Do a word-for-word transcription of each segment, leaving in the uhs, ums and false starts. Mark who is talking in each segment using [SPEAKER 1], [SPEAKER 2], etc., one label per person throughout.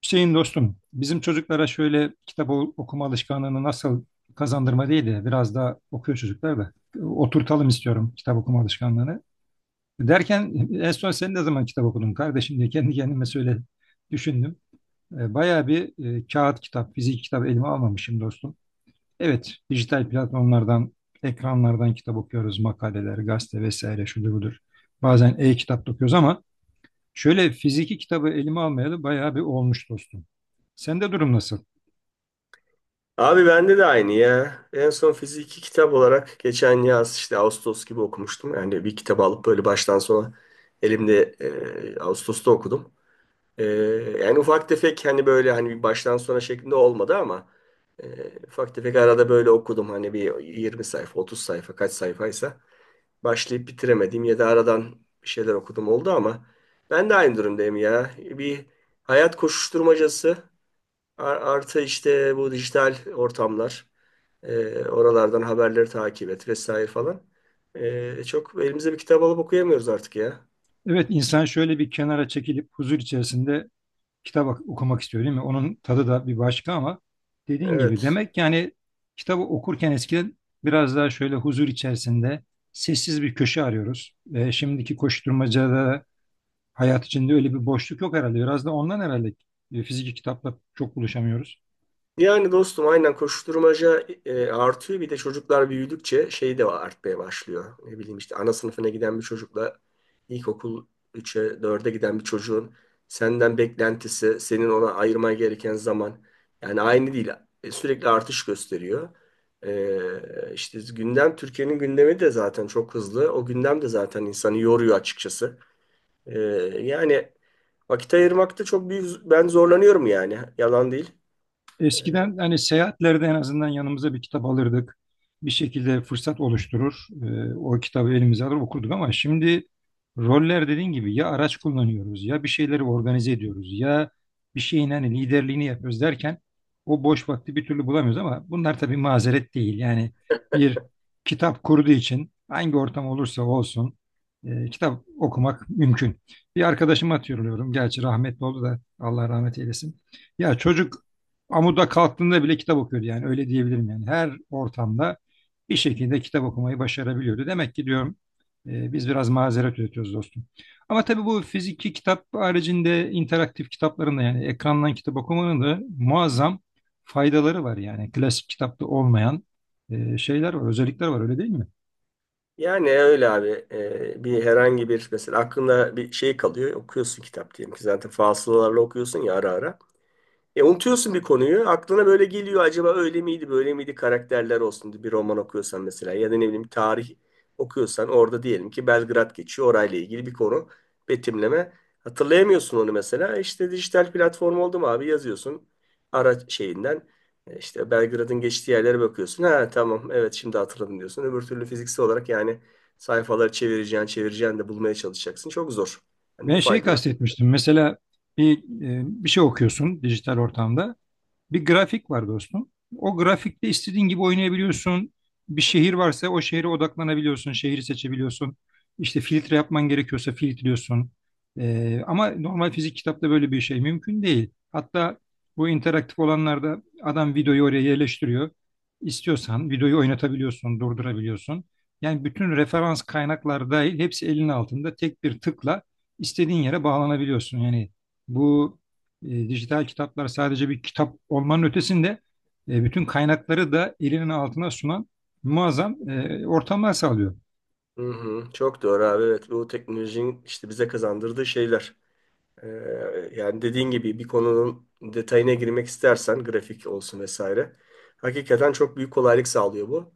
[SPEAKER 1] Şeyin dostum, bizim çocuklara şöyle kitap o- okuma alışkanlığını nasıl kazandırma değil de biraz daha okuyor çocuklar da e, oturtalım istiyorum kitap okuma alışkanlığını. Derken en son sen ne zaman kitap okudun kardeşim diye kendi kendime söyle düşündüm. E, Bayağı bir e, kağıt kitap, fizik kitap elime almamışım dostum. Evet, dijital platformlardan, ekranlardan kitap okuyoruz, makaleler, gazete vesaire şudur budur. Bazen e-kitap da okuyoruz ama şöyle fiziki kitabı elime almayalı bayağı bir olmuş dostum. Sende durum nasıl?
[SPEAKER 2] Abi bende de aynı ya. En son fiziki kitap olarak geçen yaz işte Ağustos gibi okumuştum. Yani bir kitabı alıp böyle baştan sona elimde e, Ağustos'ta okudum. E, Yani ufak tefek hani böyle hani bir baştan sona şeklinde olmadı ama e, ufak tefek arada böyle okudum. Hani bir yirmi sayfa otuz sayfa kaç sayfaysa başlayıp bitiremedim ya da aradan bir şeyler okudum oldu ama ben de aynı durumdayım ya. Bir hayat koşuşturmacası ar- artı işte bu dijital ortamlar. E, oralardan haberleri takip et vesaire falan. E, çok elimizde bir kitap alıp okuyamıyoruz artık ya.
[SPEAKER 1] Evet, insan şöyle bir kenara çekilip huzur içerisinde kitap ok- okumak istiyor değil mi? Onun tadı da bir başka ama dediğin gibi
[SPEAKER 2] Evet.
[SPEAKER 1] demek ki yani kitabı okurken eskiden biraz daha şöyle huzur içerisinde sessiz bir köşe arıyoruz. E, şimdiki koşturmacada hayat içinde öyle bir boşluk yok herhalde. Biraz da ondan herhalde e, fiziki kitapla çok buluşamıyoruz.
[SPEAKER 2] Yani dostum aynen koşuşturmaca e, artıyor. Bir de çocuklar büyüdükçe şey de artmaya başlıyor. Ne bileyim işte ana sınıfına giden bir çocukla ilkokul üçe dörde giden bir çocuğun senden beklentisi, senin ona ayırman gereken zaman yani aynı değil. E, sürekli artış gösteriyor. E, işte gündem Türkiye'nin gündemi de zaten çok hızlı. O gündem de zaten insanı yoruyor açıkçası. E, Yani vakit ayırmakta çok büyük ben zorlanıyorum yani. Yalan değil.
[SPEAKER 1] Eskiden hani seyahatlerde en azından yanımıza bir kitap alırdık. Bir şekilde fırsat oluşturur, e, o kitabı elimize alır okurduk ama şimdi roller dediğin gibi ya araç kullanıyoruz ya bir şeyleri organize ediyoruz ya bir şeyin hani liderliğini yapıyoruz derken o boş vakti bir türlü bulamıyoruz ama bunlar tabii mazeret değil. Yani bir kitap kurduğu için hangi ortam olursa olsun e, kitap okumak mümkün. Bir arkadaşıma hatırlıyorum. Gerçi rahmetli oldu da Allah rahmet eylesin. Ya çocuk amuda kalktığında bile kitap okuyordu yani öyle diyebilirim yani. Her ortamda bir şekilde kitap okumayı başarabiliyordu. Demek ki diyorum, e, biz biraz mazeret üretiyoruz dostum. Ama tabii bu fiziki kitap haricinde interaktif kitapların da yani ekrandan kitap okumanın da muazzam faydaları var yani. Klasik kitapta olmayan e, şeyler var, özellikler var, öyle değil mi?
[SPEAKER 2] Yani öyle abi. Ee, bir herhangi bir mesela aklında bir şey kalıyor okuyorsun kitap diyelim ki zaten fasılalarla okuyorsun ya ara ara. E unutuyorsun bir konuyu. Aklına böyle geliyor acaba öyle miydi böyle miydi karakterler olsun diye bir roman okuyorsan mesela ya da ne bileyim tarih okuyorsan orada diyelim ki Belgrad geçiyor orayla ilgili bir konu betimleme. Hatırlayamıyorsun onu mesela. İşte dijital platform oldu mu abi yazıyorsun araç şeyinden. E işte Belgrad'ın geçtiği yerlere bakıyorsun. Ha tamam evet şimdi hatırladım diyorsun. Öbür türlü fiziksel olarak yani sayfaları çevireceğin çevireceğin de bulmaya çalışacaksın. Çok zor. Yani bu
[SPEAKER 1] Ben şey
[SPEAKER 2] faydalar.
[SPEAKER 1] kastetmiştim mesela bir, e, bir şey okuyorsun dijital ortamda. Bir grafik var dostum. O grafikte istediğin gibi oynayabiliyorsun. Bir şehir varsa o şehre odaklanabiliyorsun, şehri seçebiliyorsun. İşte filtre yapman gerekiyorsa filtriyorsun. Ee, ama normal fizik kitapta böyle bir şey mümkün değil. Hatta bu interaktif olanlarda adam videoyu oraya yerleştiriyor. İstiyorsan videoyu oynatabiliyorsun, durdurabiliyorsun. Yani bütün referans kaynaklar dahil hepsi elinin altında tek bir tıkla istediğin yere bağlanabiliyorsun. Yani bu e, dijital kitaplar sadece bir kitap olmanın ötesinde e, bütün kaynakları da elinin altına sunan muazzam e, ortamlar sağlıyor.
[SPEAKER 2] Hı hı, çok doğru abi evet bu teknolojinin işte bize kazandırdığı şeyler. Ee, Yani dediğin gibi bir konunun detayına girmek istersen grafik olsun vesaire. Hakikaten çok büyük kolaylık sağlıyor bu.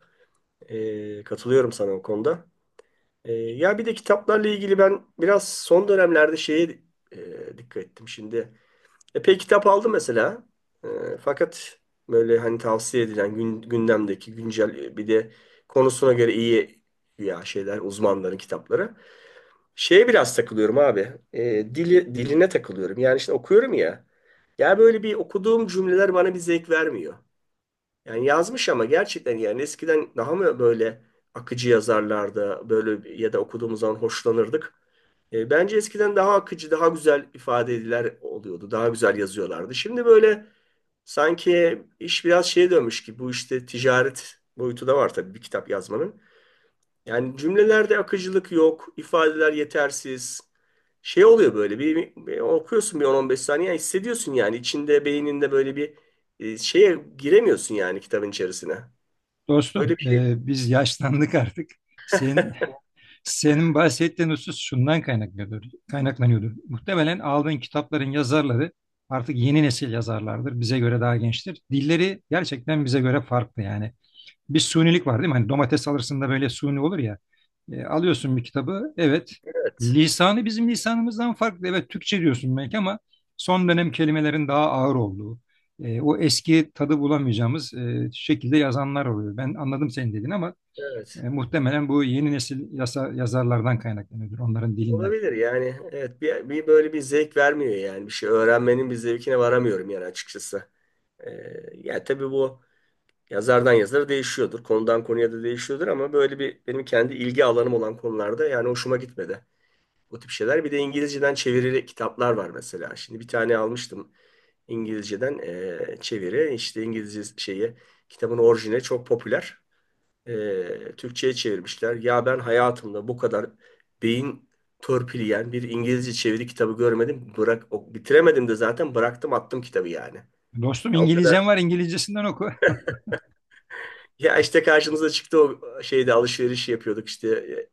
[SPEAKER 2] Ee, katılıyorum sana o konuda. Ee, ya bir de kitaplarla ilgili ben biraz son dönemlerde şeye e, dikkat ettim şimdi. Epey kitap aldım mesela. Ee, fakat böyle hani tavsiye edilen gün, gündemdeki güncel e, bir de konusuna göre iyi ya şeyler uzmanların kitapları. Şeye biraz takılıyorum abi. E, dili, diline takılıyorum. Yani şimdi okuyorum ya. Ya böyle bir okuduğum cümleler bana bir zevk vermiyor. Yani yazmış ama gerçekten yani eskiden daha mı böyle akıcı yazarlarda böyle bir- ya da okuduğumuz zaman hoşlanırdık. E, bence eskiden daha akıcı, daha güzel ifade ediler oluyordu. Daha güzel yazıyorlardı. Şimdi böyle sanki iş biraz şeye dönmüş ki bu işte ticaret boyutu da var tabii bir kitap yazmanın. Yani cümlelerde akıcılık yok, ifadeler yetersiz. Şey oluyor böyle bir, bir okuyorsun bir on on beş saniye yani hissediyorsun yani içinde beyninde böyle bir e, şeye giremiyorsun yani kitabın içerisine.
[SPEAKER 1] Dostum,
[SPEAKER 2] Öyle bir şey.
[SPEAKER 1] e, biz yaşlandık artık. Senin, senin bahsettiğin husus şundan kaynaklanıyordur, kaynaklanıyordur. Muhtemelen aldığın kitapların yazarları artık yeni nesil yazarlardır. Bize göre daha gençtir. Dilleri gerçekten bize göre farklı yani, bir sunilik var değil mi? Hani domates alırsın da böyle suni olur ya. E, alıyorsun bir kitabı. Evet.
[SPEAKER 2] Evet.
[SPEAKER 1] Lisanı bizim lisanımızdan farklı. Evet, Türkçe diyorsun belki ama son dönem kelimelerin daha ağır olduğu, e, o eski tadı bulamayacağımız e, şekilde yazanlar oluyor. Ben anladım senin dediğin ama
[SPEAKER 2] Evet.
[SPEAKER 1] e, muhtemelen bu yeni nesil yasa, yazarlardan kaynaklanıyordur, onların dilinden.
[SPEAKER 2] Olabilir yani. Evet bir, bir böyle bir zevk vermiyor yani bir şey öğrenmenin bir zevkine varamıyorum yani açıkçası. Ee, Yani tabii bu yazardan yazara değişiyordur. Konudan konuya da değişiyordur ama böyle bir benim kendi ilgi alanım olan konularda yani hoşuma gitmedi. O tip şeyler. Bir de İngilizceden çevirili kitaplar var mesela. Şimdi bir tane almıştım İngilizceden eee, çeviri. İşte İngilizce şeyi kitabın orijine çok popüler. Eee, Türkçe'ye çevirmişler. Ya ben hayatımda bu kadar beyin törpüleyen bir İngilizce çeviri kitabı görmedim. Bırak, o- bitiremedim de zaten bıraktım attım kitabı yani.
[SPEAKER 1] Dostum,
[SPEAKER 2] Ya o kadar
[SPEAKER 1] İngilizcen var, İngilizcesinden oku.
[SPEAKER 2] ya işte karşımıza çıktı o şeyde alışveriş yapıyorduk işte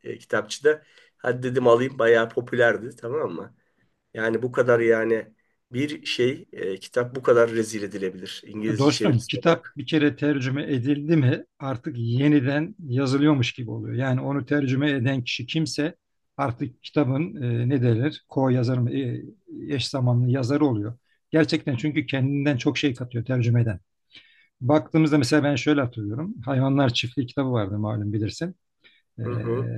[SPEAKER 2] e, e, kitapçıda. Hadi dedim alayım bayağı popülerdi tamam mı? Yani bu kadar yani bir şey e, kitap bu kadar rezil edilebilir İngilizce
[SPEAKER 1] Dostum,
[SPEAKER 2] çevirisi
[SPEAKER 1] kitap
[SPEAKER 2] olarak.
[SPEAKER 1] bir kere tercüme edildi mi artık yeniden yazılıyormuş gibi oluyor. Yani onu tercüme eden kişi kimse artık kitabın e, ne denir? Co-yazar mı? E, eş zamanlı yazarı oluyor. Gerçekten çünkü kendinden çok şey katıyor tercümeden. Baktığımızda mesela ben şöyle hatırlıyorum. Hayvanlar Çiftliği kitabı vardı, malum bilirsin. E,
[SPEAKER 2] Hı hı.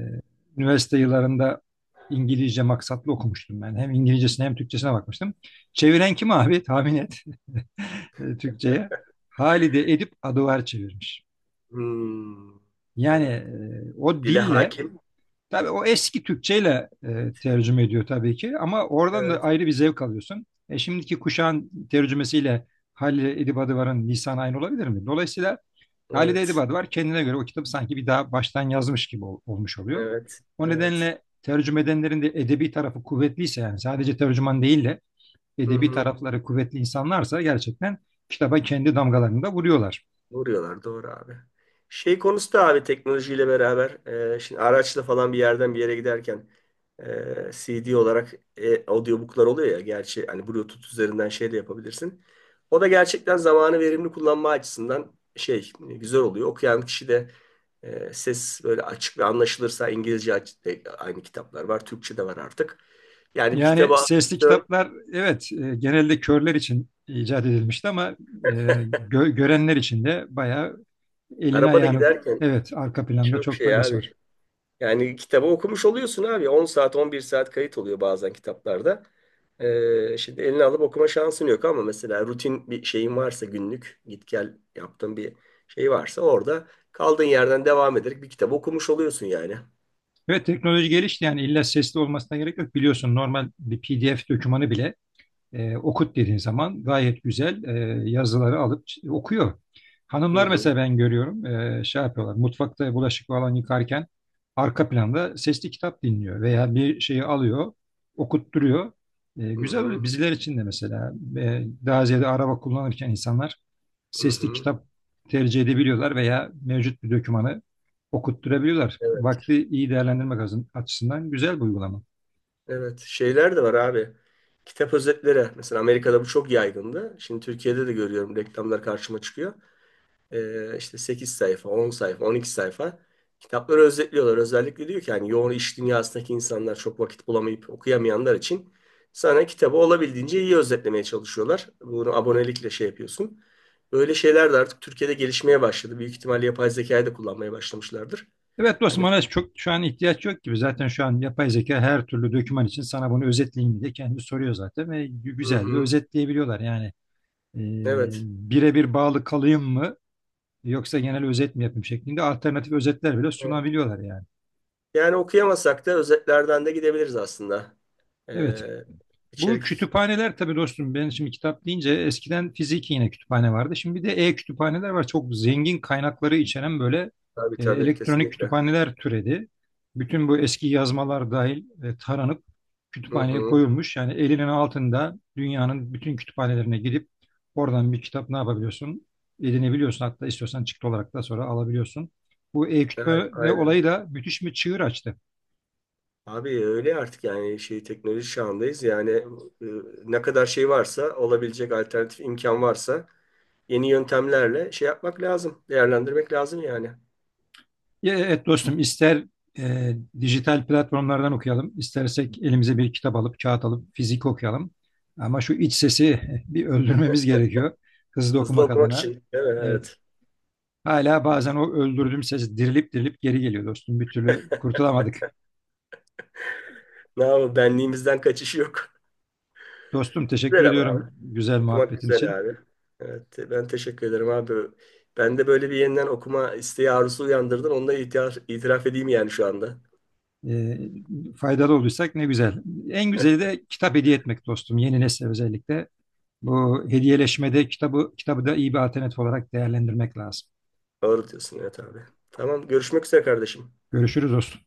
[SPEAKER 1] Üniversite yıllarında İngilizce maksatlı okumuştum ben. Hem İngilizcesine hem Türkçesine bakmıştım. Çeviren kim abi? Tahmin et, e, Türkçe'ye Halide Edip Adıvar çevirmiş.
[SPEAKER 2] Hmm.
[SPEAKER 1] Yani
[SPEAKER 2] Evet.
[SPEAKER 1] e, o
[SPEAKER 2] Dile
[SPEAKER 1] dille,
[SPEAKER 2] hakim.
[SPEAKER 1] tabii o eski Türkçeyle e,
[SPEAKER 2] Evet.
[SPEAKER 1] tercüme ediyor tabii ki ama oradan da
[SPEAKER 2] Evet.
[SPEAKER 1] ayrı bir zevk alıyorsun. E, şimdiki kuşağın tercümesiyle Halide Edip Adıvar'ın lisanı aynı olabilir mi? Dolayısıyla Halide Edip
[SPEAKER 2] Evet.
[SPEAKER 1] Adıvar kendine göre o kitabı sanki bir daha baştan yazmış gibi ol- olmuş oluyor.
[SPEAKER 2] Evet.
[SPEAKER 1] O
[SPEAKER 2] Evet.
[SPEAKER 1] nedenle tercüme edenlerin de edebi tarafı kuvvetliyse yani sadece tercüman değil de
[SPEAKER 2] Hı
[SPEAKER 1] edebi
[SPEAKER 2] hı.
[SPEAKER 1] tarafları kuvvetli insanlarsa gerçekten kitaba kendi damgalarını da vuruyorlar.
[SPEAKER 2] Vuruyorlar doğru abi. Şey konusu da abi teknolojiyle beraber e, şimdi araçla falan bir yerden bir yere giderken e, C D olarak e, audiobooklar oluyor ya gerçi hani Bluetooth üzerinden şey de yapabilirsin. O da gerçekten zamanı verimli kullanma açısından şey güzel oluyor. Okuyan kişi de e, ses böyle açık ve anlaşılırsa İngilizce aç- de aynı kitaplar var. Türkçe de var artık. Yani bir
[SPEAKER 1] Yani
[SPEAKER 2] kitaba
[SPEAKER 1] sesli kitaplar, evet, e, genelde körler için icat edilmişti ama e, gö- görenler için de bayağı elini
[SPEAKER 2] arabada
[SPEAKER 1] ayağını,
[SPEAKER 2] giderken
[SPEAKER 1] evet, arka planda
[SPEAKER 2] çok
[SPEAKER 1] çok
[SPEAKER 2] şey
[SPEAKER 1] faydası
[SPEAKER 2] abi.
[SPEAKER 1] var.
[SPEAKER 2] Yani kitabı okumuş oluyorsun abi. on saat on bir saat kayıt oluyor bazen kitaplarda. Ee, şimdi eline alıp okuma şansın yok ama mesela rutin bir şeyin varsa günlük git gel yaptığın bir şey varsa orada kaldığın yerden devam ederek bir kitabı okumuş oluyorsun yani.
[SPEAKER 1] Evet, teknoloji gelişti yani illa sesli olmasına gerek yok. Biliyorsun, normal bir P D F dokümanı bile e, okut dediğin zaman gayet güzel e, yazıları alıp okuyor.
[SPEAKER 2] Hı
[SPEAKER 1] Hanımlar
[SPEAKER 2] hı.
[SPEAKER 1] mesela, ben görüyorum, e, şey yapıyorlar mutfakta bulaşık falan yıkarken arka planda sesli kitap dinliyor veya bir şeyi alıyor okutturuyor. E,
[SPEAKER 2] Hı
[SPEAKER 1] güzel öyle.
[SPEAKER 2] hı.
[SPEAKER 1] Bizler için de mesela e, daha ziyade araba kullanırken insanlar
[SPEAKER 2] Hı
[SPEAKER 1] sesli
[SPEAKER 2] hı.
[SPEAKER 1] kitap tercih edebiliyorlar veya mevcut bir dokümanı okutturabiliyorlar.
[SPEAKER 2] Evet.
[SPEAKER 1] Vakti iyi değerlendirmek açısından güzel bir uygulama.
[SPEAKER 2] Evet. Şeyler de var abi. Kitap özetleri. Mesela Amerika'da bu çok yaygındı. Şimdi Türkiye'de de görüyorum reklamlar karşıma çıkıyor. Ee, işte sekiz sayfa, on sayfa, on iki sayfa kitapları özetliyorlar. Özellikle diyor ki hani yoğun iş dünyasındaki insanlar çok vakit bulamayıp okuyamayanlar için sana kitabı olabildiğince iyi özetlemeye çalışıyorlar. Bunu abonelikle şey yapıyorsun. Böyle şeyler de artık Türkiye'de gelişmeye başladı. Büyük ihtimalle yapay zekayı da kullanmaya başlamışlardır.
[SPEAKER 1] Evet dostum,
[SPEAKER 2] Hani
[SPEAKER 1] ona çok şu an ihtiyaç yok gibi. Zaten şu an yapay zeka her türlü doküman için sana bunu özetleyin diye kendi soruyor zaten ve gü-
[SPEAKER 2] hı
[SPEAKER 1] güzel de
[SPEAKER 2] hı,
[SPEAKER 1] özetleyebiliyorlar. Yani e,
[SPEAKER 2] evet.
[SPEAKER 1] birebir bağlı kalayım mı yoksa genel özet mi yapayım şeklinde alternatif özetler bile
[SPEAKER 2] Evet.
[SPEAKER 1] sunabiliyorlar yani.
[SPEAKER 2] Yani okuyamasak da özetlerden de gidebiliriz aslında.
[SPEAKER 1] Evet.
[SPEAKER 2] Ee,
[SPEAKER 1] Bu
[SPEAKER 2] içerik
[SPEAKER 1] kütüphaneler tabii dostum, ben şimdi kitap deyince eskiden fiziki yine kütüphane vardı. Şimdi bir de e-kütüphaneler var. Çok zengin kaynakları içeren böyle
[SPEAKER 2] tabii
[SPEAKER 1] e,
[SPEAKER 2] tabii
[SPEAKER 1] elektronik
[SPEAKER 2] kesinlikle.
[SPEAKER 1] kütüphaneler türedi. Bütün bu eski yazmalar dahil e, taranıp
[SPEAKER 2] Hı
[SPEAKER 1] kütüphaneye
[SPEAKER 2] hı,
[SPEAKER 1] koyulmuş. Yani elinin altında dünyanın bütün kütüphanelerine gidip oradan bir kitap ne yapabiliyorsun? Edinebiliyorsun, hatta istiyorsan çıktı olarak da sonra alabiliyorsun. Bu
[SPEAKER 2] evet
[SPEAKER 1] e-kütüphane
[SPEAKER 2] aynen.
[SPEAKER 1] olayı da müthiş bir çığır açtı.
[SPEAKER 2] Abi öyle artık yani şey teknoloji çağındayız. Yani e, ne kadar şey varsa olabilecek alternatif imkan varsa yeni yöntemlerle şey yapmak lazım. Değerlendirmek lazım yani.
[SPEAKER 1] Evet dostum, ister e, dijital platformlardan okuyalım, istersek elimize bir kitap alıp kağıt alıp fizik okuyalım. Ama şu iç sesi bir öldürmemiz gerekiyor hızlı
[SPEAKER 2] Hızlı
[SPEAKER 1] okumak
[SPEAKER 2] okumak
[SPEAKER 1] adına.
[SPEAKER 2] için. Değil mi?
[SPEAKER 1] Evet,
[SPEAKER 2] Evet.
[SPEAKER 1] hala bazen o öldürdüğüm ses dirilip dirilip geri geliyor dostum. Bir türlü kurtulamadık.
[SPEAKER 2] Ne yapalım benliğimizden kaçış yok.
[SPEAKER 1] Dostum, teşekkür
[SPEAKER 2] Güzel ama abi.
[SPEAKER 1] ediyorum güzel
[SPEAKER 2] Okumak
[SPEAKER 1] muhabbetin için.
[SPEAKER 2] güzel abi. Evet ben teşekkür ederim abi. Ben de böyle bir yeniden okuma isteği arzusu uyandırdın. Onunla itiraf, itiraf edeyim yani şu anda.
[SPEAKER 1] E, faydalı olduysak ne güzel. En güzeli de kitap hediye etmek dostum, yeni nesle özellikle. Bu hediyeleşmede kitabı kitabı da iyi bir alternatif olarak değerlendirmek lazım.
[SPEAKER 2] Doğru diyorsun evet abi. Tamam görüşmek üzere kardeşim.
[SPEAKER 1] Görüşürüz dostum.